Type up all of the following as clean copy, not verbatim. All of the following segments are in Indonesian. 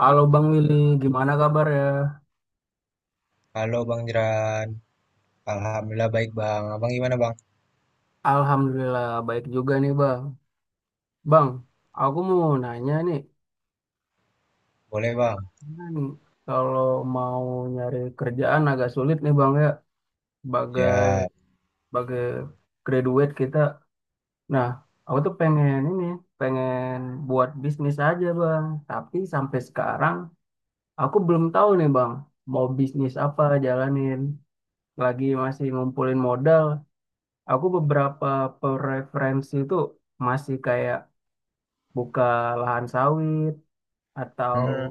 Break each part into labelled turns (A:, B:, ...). A: Halo Bang Willy, gimana kabar ya?
B: Halo Bang Jeran, alhamdulillah baik Bang. Abang gimana Bang?
A: Alhamdulillah baik juga nih Bang. Bang, aku mau nanya nih,
B: Boleh Bang?
A: gimana nih kalau mau nyari kerjaan agak sulit nih Bang ya, sebagai
B: Ya.
A: sebagai graduate kita. Nah, aku tuh pengen buat bisnis aja Bang. Tapi sampai sekarang aku belum tahu nih Bang, mau bisnis apa jalanin. Lagi masih ngumpulin modal. Aku beberapa preferensi tuh masih kayak buka lahan sawit atau
B: Hmm.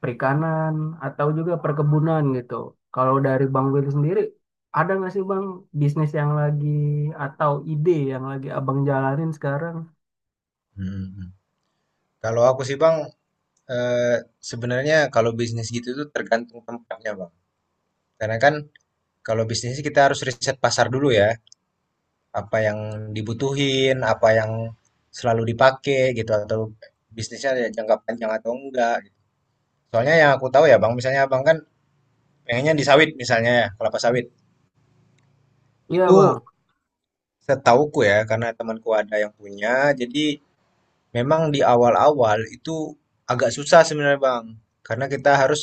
A: perikanan atau juga perkebunan gitu. Kalau dari Bang Will sendiri, ada nggak sih Bang bisnis yang lagi atau ide yang lagi Abang jalanin sekarang?
B: Hmm. Hmm. Kalau aku sih Bang, eh, sebenarnya kalau bisnis gitu tuh tergantung tempatnya Bang. Karena kan kalau bisnis kita harus riset pasar dulu ya, apa yang dibutuhin, apa yang selalu dipakai gitu, atau bisnisnya ada jangka panjang atau enggak, gitu. Soalnya yang aku tahu ya Bang, misalnya Abang kan pengennya di sawit misalnya ya, kelapa sawit.
A: Iya
B: Itu
A: Bang,
B: setauku ya, karena temanku ada yang punya, jadi memang di awal-awal itu agak susah sebenarnya Bang, karena kita harus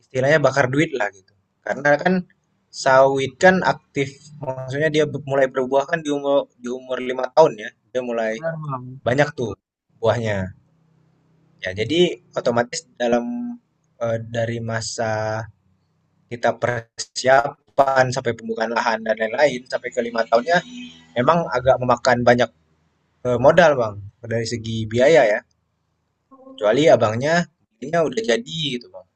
B: istilahnya bakar duit lah gitu. Karena kan sawit kan aktif, maksudnya dia mulai berbuah kan di umur 5 tahun ya, dia mulai
A: benar Bang.
B: banyak tuh buahnya. Ya jadi otomatis dalam dari masa kita persiapan sampai pembukaan lahan dan lain-lain sampai ke lima tahunnya memang agak memakan banyak modal Bang dari segi biaya ya. Kecuali abangnya belinya udah jadi gitu, Bang,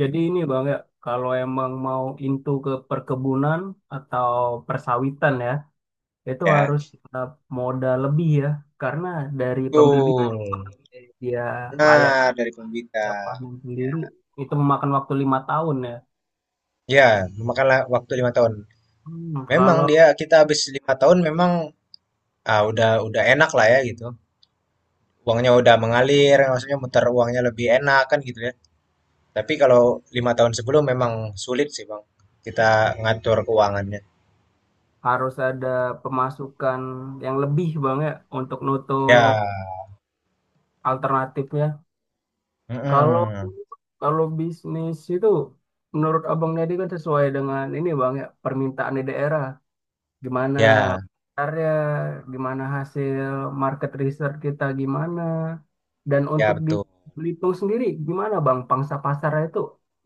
A: Jadi ini Bang ya, kalau emang mau into ke perkebunan atau persawitan ya, itu
B: ya.
A: harus tetap modal lebih ya, karena dari pembibit
B: Betul.
A: dia layak
B: Benar, dari
A: dia
B: pembibitan.
A: panen sendiri
B: Ya,
A: itu memakan waktu 5 tahun ya.
B: ya memakanlah waktu 5 tahun. Memang
A: Kalau
B: dia kita habis 5 tahun memang udah enak lah ya gitu. Uangnya udah mengalir, maksudnya muter uangnya lebih enak kan gitu ya. Tapi kalau 5 tahun sebelum memang sulit sih, Bang. Kita ngatur keuangannya.
A: harus ada pemasukan yang lebih bang ya untuk nutup
B: Ya,
A: alternatifnya. Kalau
B: mm-mm.
A: kalau bisnis itu menurut abang Nedi kan sesuai dengan ini bang ya permintaan di daerah. Gimana
B: Ya,
A: pasarnya, gimana hasil market research kita gimana. Dan
B: ya
A: untuk di
B: betul.
A: Belitung sendiri gimana bang pangsa pasarnya itu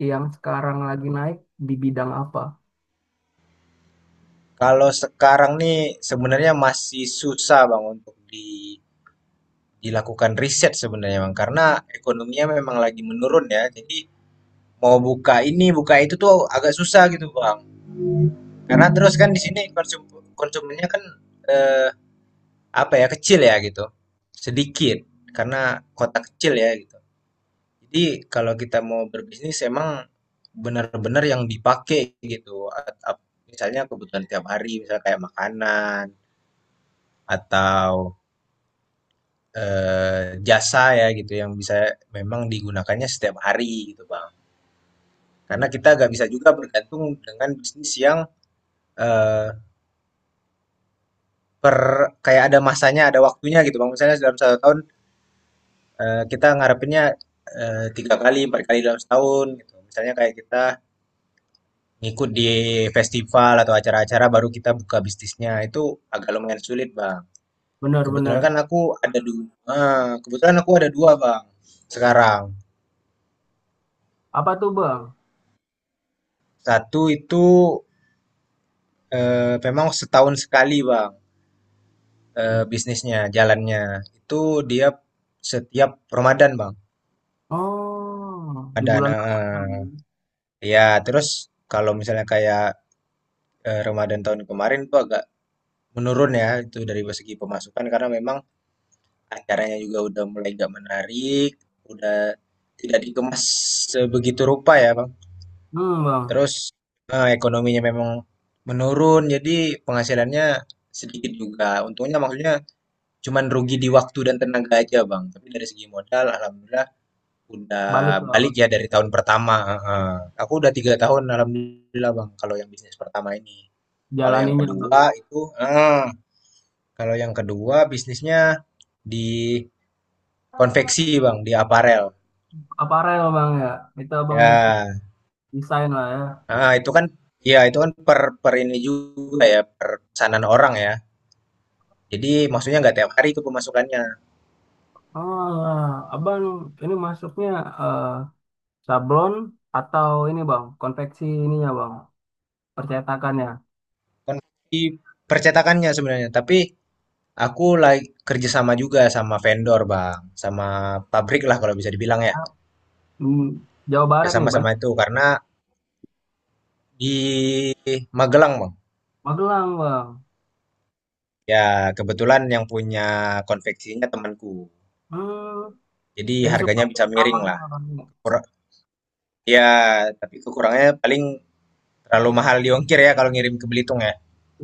A: yang sekarang lagi naik di bidang apa?
B: Kalau sekarang nih sebenarnya masih susah Bang untuk di dilakukan riset sebenarnya, Bang, karena ekonominya memang lagi menurun ya. Jadi mau buka ini, buka itu tuh agak susah gitu, Bang. Karena terus kan di sini konsumennya kan eh, apa ya, kecil ya gitu, sedikit karena kota kecil ya gitu. Jadi kalau kita mau berbisnis emang benar-benar yang dipakai gitu. Misalnya kebutuhan tiap hari, misalnya kayak makanan atau jasa ya gitu yang bisa memang digunakannya setiap hari gitu, Bang. Karena kita nggak bisa juga bergantung dengan bisnis yang eh, per kayak ada masanya, ada waktunya gitu bang. Misalnya dalam satu tahun kita ngarepinnya 3 kali, 4 kali dalam setahun gitu. Misalnya kayak kita ngikut di festival atau acara-acara baru kita buka bisnisnya itu agak lumayan sulit bang. Kebetulan
A: Benar-benar
B: kan aku ada dua, kebetulan aku ada dua bang sekarang.
A: apa tuh bang?
B: Satu itu memang setahun sekali bang. Bisnisnya, jalannya. Itu dia setiap Ramadan, Bang.
A: Oh, di
B: Ramadan,
A: bulan Ramadan.
B: heeh. Iya, terus kalau misalnya kayak, Ramadan tahun kemarin tuh agak menurun ya, itu dari segi pemasukan karena memang acaranya juga udah mulai nggak menarik, udah tidak dikemas sebegitu rupa ya, Bang.
A: Bang,
B: Terus, ekonominya memang menurun, jadi penghasilannya sedikit juga. Untungnya maksudnya cuman rugi di waktu dan tenaga aja, Bang, tapi dari segi modal alhamdulillah
A: balik
B: udah
A: lah bang.
B: balik ya dari tahun pertama, heeh. Aku udah 3 tahun alhamdulillah Bang, kalau yang bisnis pertama ini. Kalau yang
A: Jalaninnya bang.
B: kedua itu heeh, kalau yang kedua bisnisnya di konveksi Bang, di aparel.
A: Aparel bang ya. Itu abang bikin
B: Ya,
A: desain lah ya.
B: heeh, itu kan ya itu kan per per ini juga ya, per pesanan orang ya. Jadi maksudnya nggak tiap hari itu pemasukannya.
A: Oh, lah. Abang ini masuknya eh, sablon atau ini bang, konveksi ininya bang, percetakannya.
B: Konveksi percetakannya sebenarnya, tapi aku lagi kerjasama juga sama vendor Bang, sama pabrik lah kalau bisa dibilang ya.
A: Hmm, Jawa
B: Ya
A: Barat nih bang,
B: sama-sama itu karena di Magelang, Bang.
A: Magelang bang.
B: Ya kebetulan yang punya konveksinya temanku.
A: Hmm,
B: Jadi
A: jadi
B: harganya
A: supplier
B: bisa miring
A: utamanya
B: lah.
A: lah bang.
B: Kur- Ya, tapi kekurangannya paling terlalu mahal di ongkir ya kalau ngirim ke Belitung ya.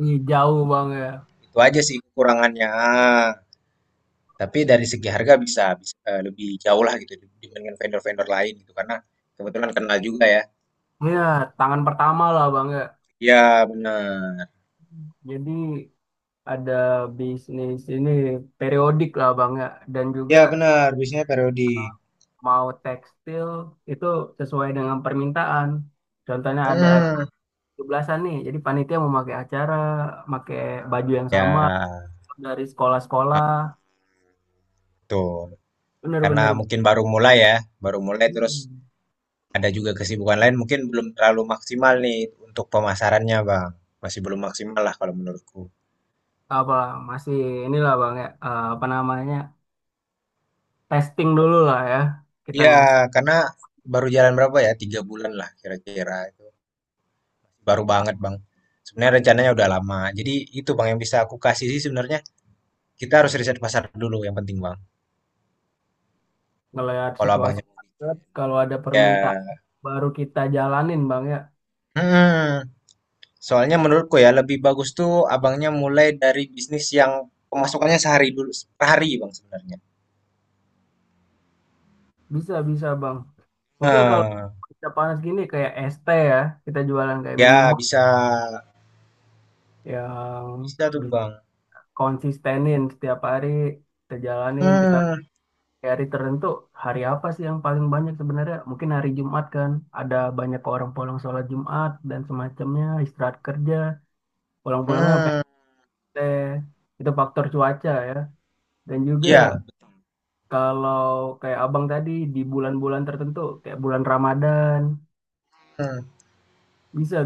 A: Ih, jauh bang ya.
B: Itu aja sih kekurangannya. Tapi dari segi harga bisa bisa lebih jauh lah gitu dibandingkan vendor-vendor lain gitu karena kebetulan kenal juga ya.
A: Iya, tangan pertama lah bang ya.
B: Iya benar.
A: Jadi ada bisnis ini periodik lah Bang ya dan
B: Iya
A: juga
B: benar, bisnisnya periodik.
A: eh, mau tekstil itu sesuai dengan permintaan. Contohnya ada acara
B: Hmm.
A: 17-an nih, jadi panitia mau pakai acara, pakai baju yang sama
B: Ya,
A: dari
B: ah,
A: sekolah-sekolah.
B: betul. Karena
A: Bener-bener.
B: mungkin baru mulai ya, baru mulai terus
A: Hmm.
B: ada juga kesibukan lain mungkin belum terlalu maksimal nih untuk pemasarannya, Bang. Masih belum maksimal lah kalau menurutku.
A: Apa masih inilah Bang ya apa namanya testing dulu lah ya. Kita
B: Iya,
A: ngasih
B: karena baru jalan berapa ya? 3 bulan lah kira-kira itu. Baru banget, Bang. Sebenarnya rencananya udah lama. Jadi itu, Bang, yang bisa aku kasih sih sebenarnya kita harus riset pasar dulu yang penting, Bang.
A: ngelihat
B: Kalau
A: situasi
B: abangnya
A: market, kalau ada permintaan
B: ya.
A: baru kita jalanin Bang ya.
B: Hmm, soalnya menurutku ya lebih bagus tuh abangnya mulai dari bisnis yang pemasukannya sehari dulu, per hari bang sebenarnya.
A: Bisa, bisa Bang. Mungkin kalau
B: Nah,
A: kita panas gini kayak es teh ya, kita jualan kayak
B: ya
A: minuman
B: bisa
A: yang
B: bisa tuh
A: bi-
B: Bang.
A: konsistenin setiap hari, kita jalanin, kita
B: Hmm,
A: kayak hari tertentu, hari apa sih yang paling banyak sebenarnya? Mungkin hari Jumat kan, ada banyak orang pulang sholat Jumat dan semacamnya, istirahat kerja, pulang-pulangnya
B: hmm,
A: pengen teh, itu faktor cuaca ya. Dan juga
B: ya.
A: kalau kayak abang tadi di bulan-bulan tertentu, kayak bulan Ramadan,
B: Hmm.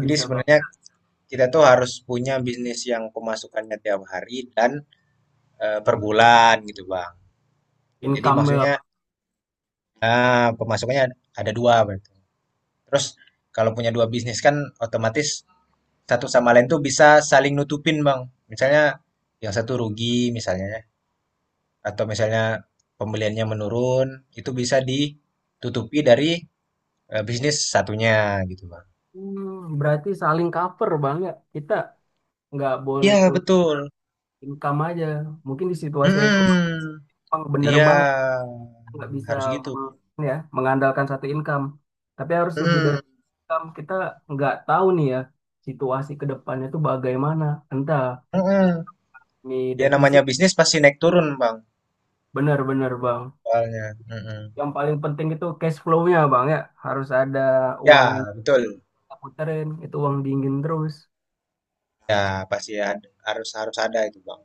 B: Jadi
A: bang.
B: sebenarnya kita tuh harus punya bisnis yang pemasukannya tiap hari dan per bulan gitu Bang. Jadi
A: Income.
B: maksudnya pemasukannya ada dua berarti. Terus kalau punya dua bisnis kan otomatis satu sama lain tuh bisa saling nutupin Bang. Misalnya yang satu rugi misalnya atau misalnya pembeliannya menurun, itu bisa ditutupi dari bisnis satunya gitu bang.
A: Berarti saling cover bang ya. Kita nggak boleh
B: Iya
A: pull
B: betul.
A: income aja. Mungkin di situasi ekonomi
B: Mm-mm.
A: Bang, bener
B: Iya
A: banget. Kita nggak bisa
B: harus gitu.
A: me- ya mengandalkan satu income. Tapi harus lebih dari
B: Mm-mm.
A: income. Kita nggak tahu nih ya situasi ke depannya itu bagaimana. Entah
B: Mm-mm.
A: nih
B: Ya namanya
A: defisit.
B: bisnis pasti naik turun bang.
A: Bener-bener bang.
B: Soalnya. Mm-mm.
A: Yang paling penting itu cash flow-nya bang ya. Harus ada
B: Ya
A: uang yang
B: betul.
A: kita puterin. Itu uang dingin terus.
B: Ya pasti ada, harus harus ada itu bang.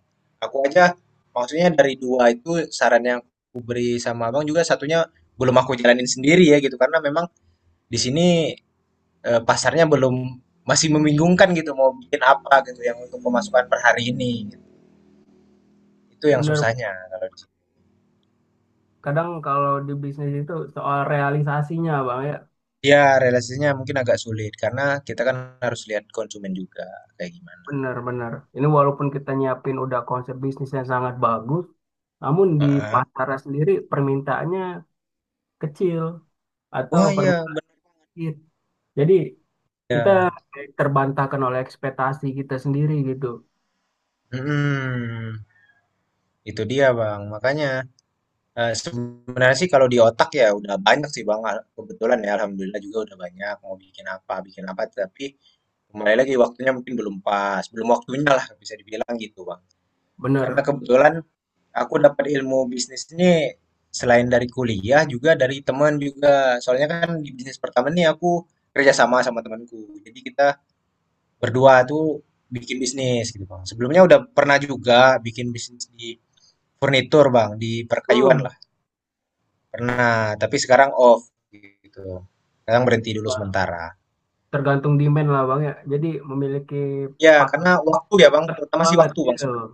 B: Aku aja maksudnya dari dua itu saran yang aku beri sama abang juga satunya belum aku jalanin sendiri ya gitu karena memang di sini pasarnya belum masih membingungkan gitu mau bikin apa gitu yang untuk pemasukan per hari ini. Itu yang
A: Bener.
B: susahnya kalau di
A: Kadang kalau di bisnis itu soal realisasinya bang ya.
B: iya, realisasinya mungkin agak sulit karena kita kan harus lihat konsumen juga kayak gimana.
A: Benar-benar. Ini walaupun kita nyiapin udah konsep bisnis yang sangat bagus, namun di
B: Heeh.
A: pasarnya sendiri permintaannya kecil atau
B: Wah, ya
A: permintaan
B: bener
A: dikit. Jadi kita
B: ya.
A: terbantahkan oleh ekspektasi kita sendiri gitu.
B: Mhm, itu dia, Bang. Makanya, sebenarnya sih kalau di otak ya udah banyak sih, Bang, kebetulan ya alhamdulillah juga udah banyak mau bikin apa, tapi kembali lagi waktunya mungkin belum pas, belum waktunya lah bisa dibilang gitu, Bang.
A: Benar.
B: Karena kebetulan aku dapat ilmu bisnis ini selain dari kuliah juga dari teman juga. Soalnya kan di bisnis pertama nih aku kerja sama sama temanku. Jadi kita berdua tuh bikin bisnis gitu Bang. Sebelumnya udah pernah juga bikin bisnis di furnitur Bang, di perkayuan
A: Hmm.
B: lah. Pernah, tapi sekarang off gitu. Sekarang berhenti dulu
A: Wah,
B: sementara.
A: tergantung demand lah Bang ya. Jadi memiliki
B: Ya,
A: partner
B: karena
A: itu
B: waktu ya Bang,
A: penting
B: terutama sih
A: banget
B: waktu Bang
A: gitu.
B: sebenarnya.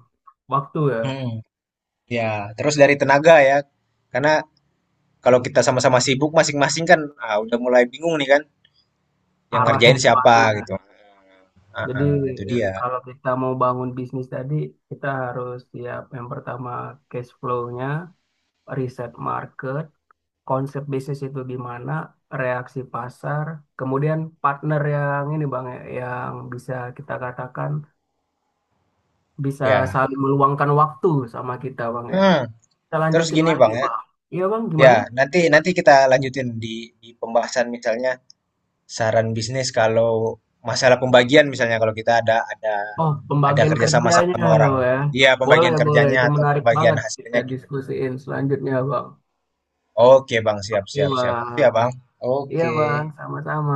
A: Waktu ya,
B: Hmm, ya, terus dari tenaga ya. Karena kalau kita sama-sama sibuk masing-masing kan udah mulai bingung nih kan yang
A: arahnya
B: ngerjain siapa
A: kemana.
B: gitu.
A: Jadi
B: Heeh, itu
A: ya,
B: dia.
A: kalau kita mau bangun bisnis tadi, kita harus siap yang pertama cash flow-nya, riset market, konsep bisnis itu gimana, reaksi pasar, kemudian partner yang ini Bang, ya, yang bisa kita katakan bisa
B: Ya.
A: saling meluangkan waktu sama kita Bang ya.
B: Hmm,
A: Kita
B: terus
A: lanjutin
B: gini
A: lagi
B: Bang ya.
A: Bang. Iya Bang,
B: Ya,
A: gimana?
B: nanti nanti kita lanjutin di pembahasan misalnya saran bisnis kalau masalah pembagian misalnya kalau kita ada
A: Oh,
B: ada
A: pembagian
B: kerjasama sama
A: kerjanya
B: sama orang.
A: ya.
B: Iya,
A: Boleh,
B: pembagian
A: boleh.
B: kerjanya
A: Itu
B: atau
A: menarik
B: pembagian
A: banget kita
B: hasilnya gimana.
A: diskusiin selanjutnya Bang.
B: Oke Bang, siap
A: Iya
B: siap siap. Oke ya
A: Bang.
B: Bang.
A: Iya
B: Oke.
A: Bang, sama-sama.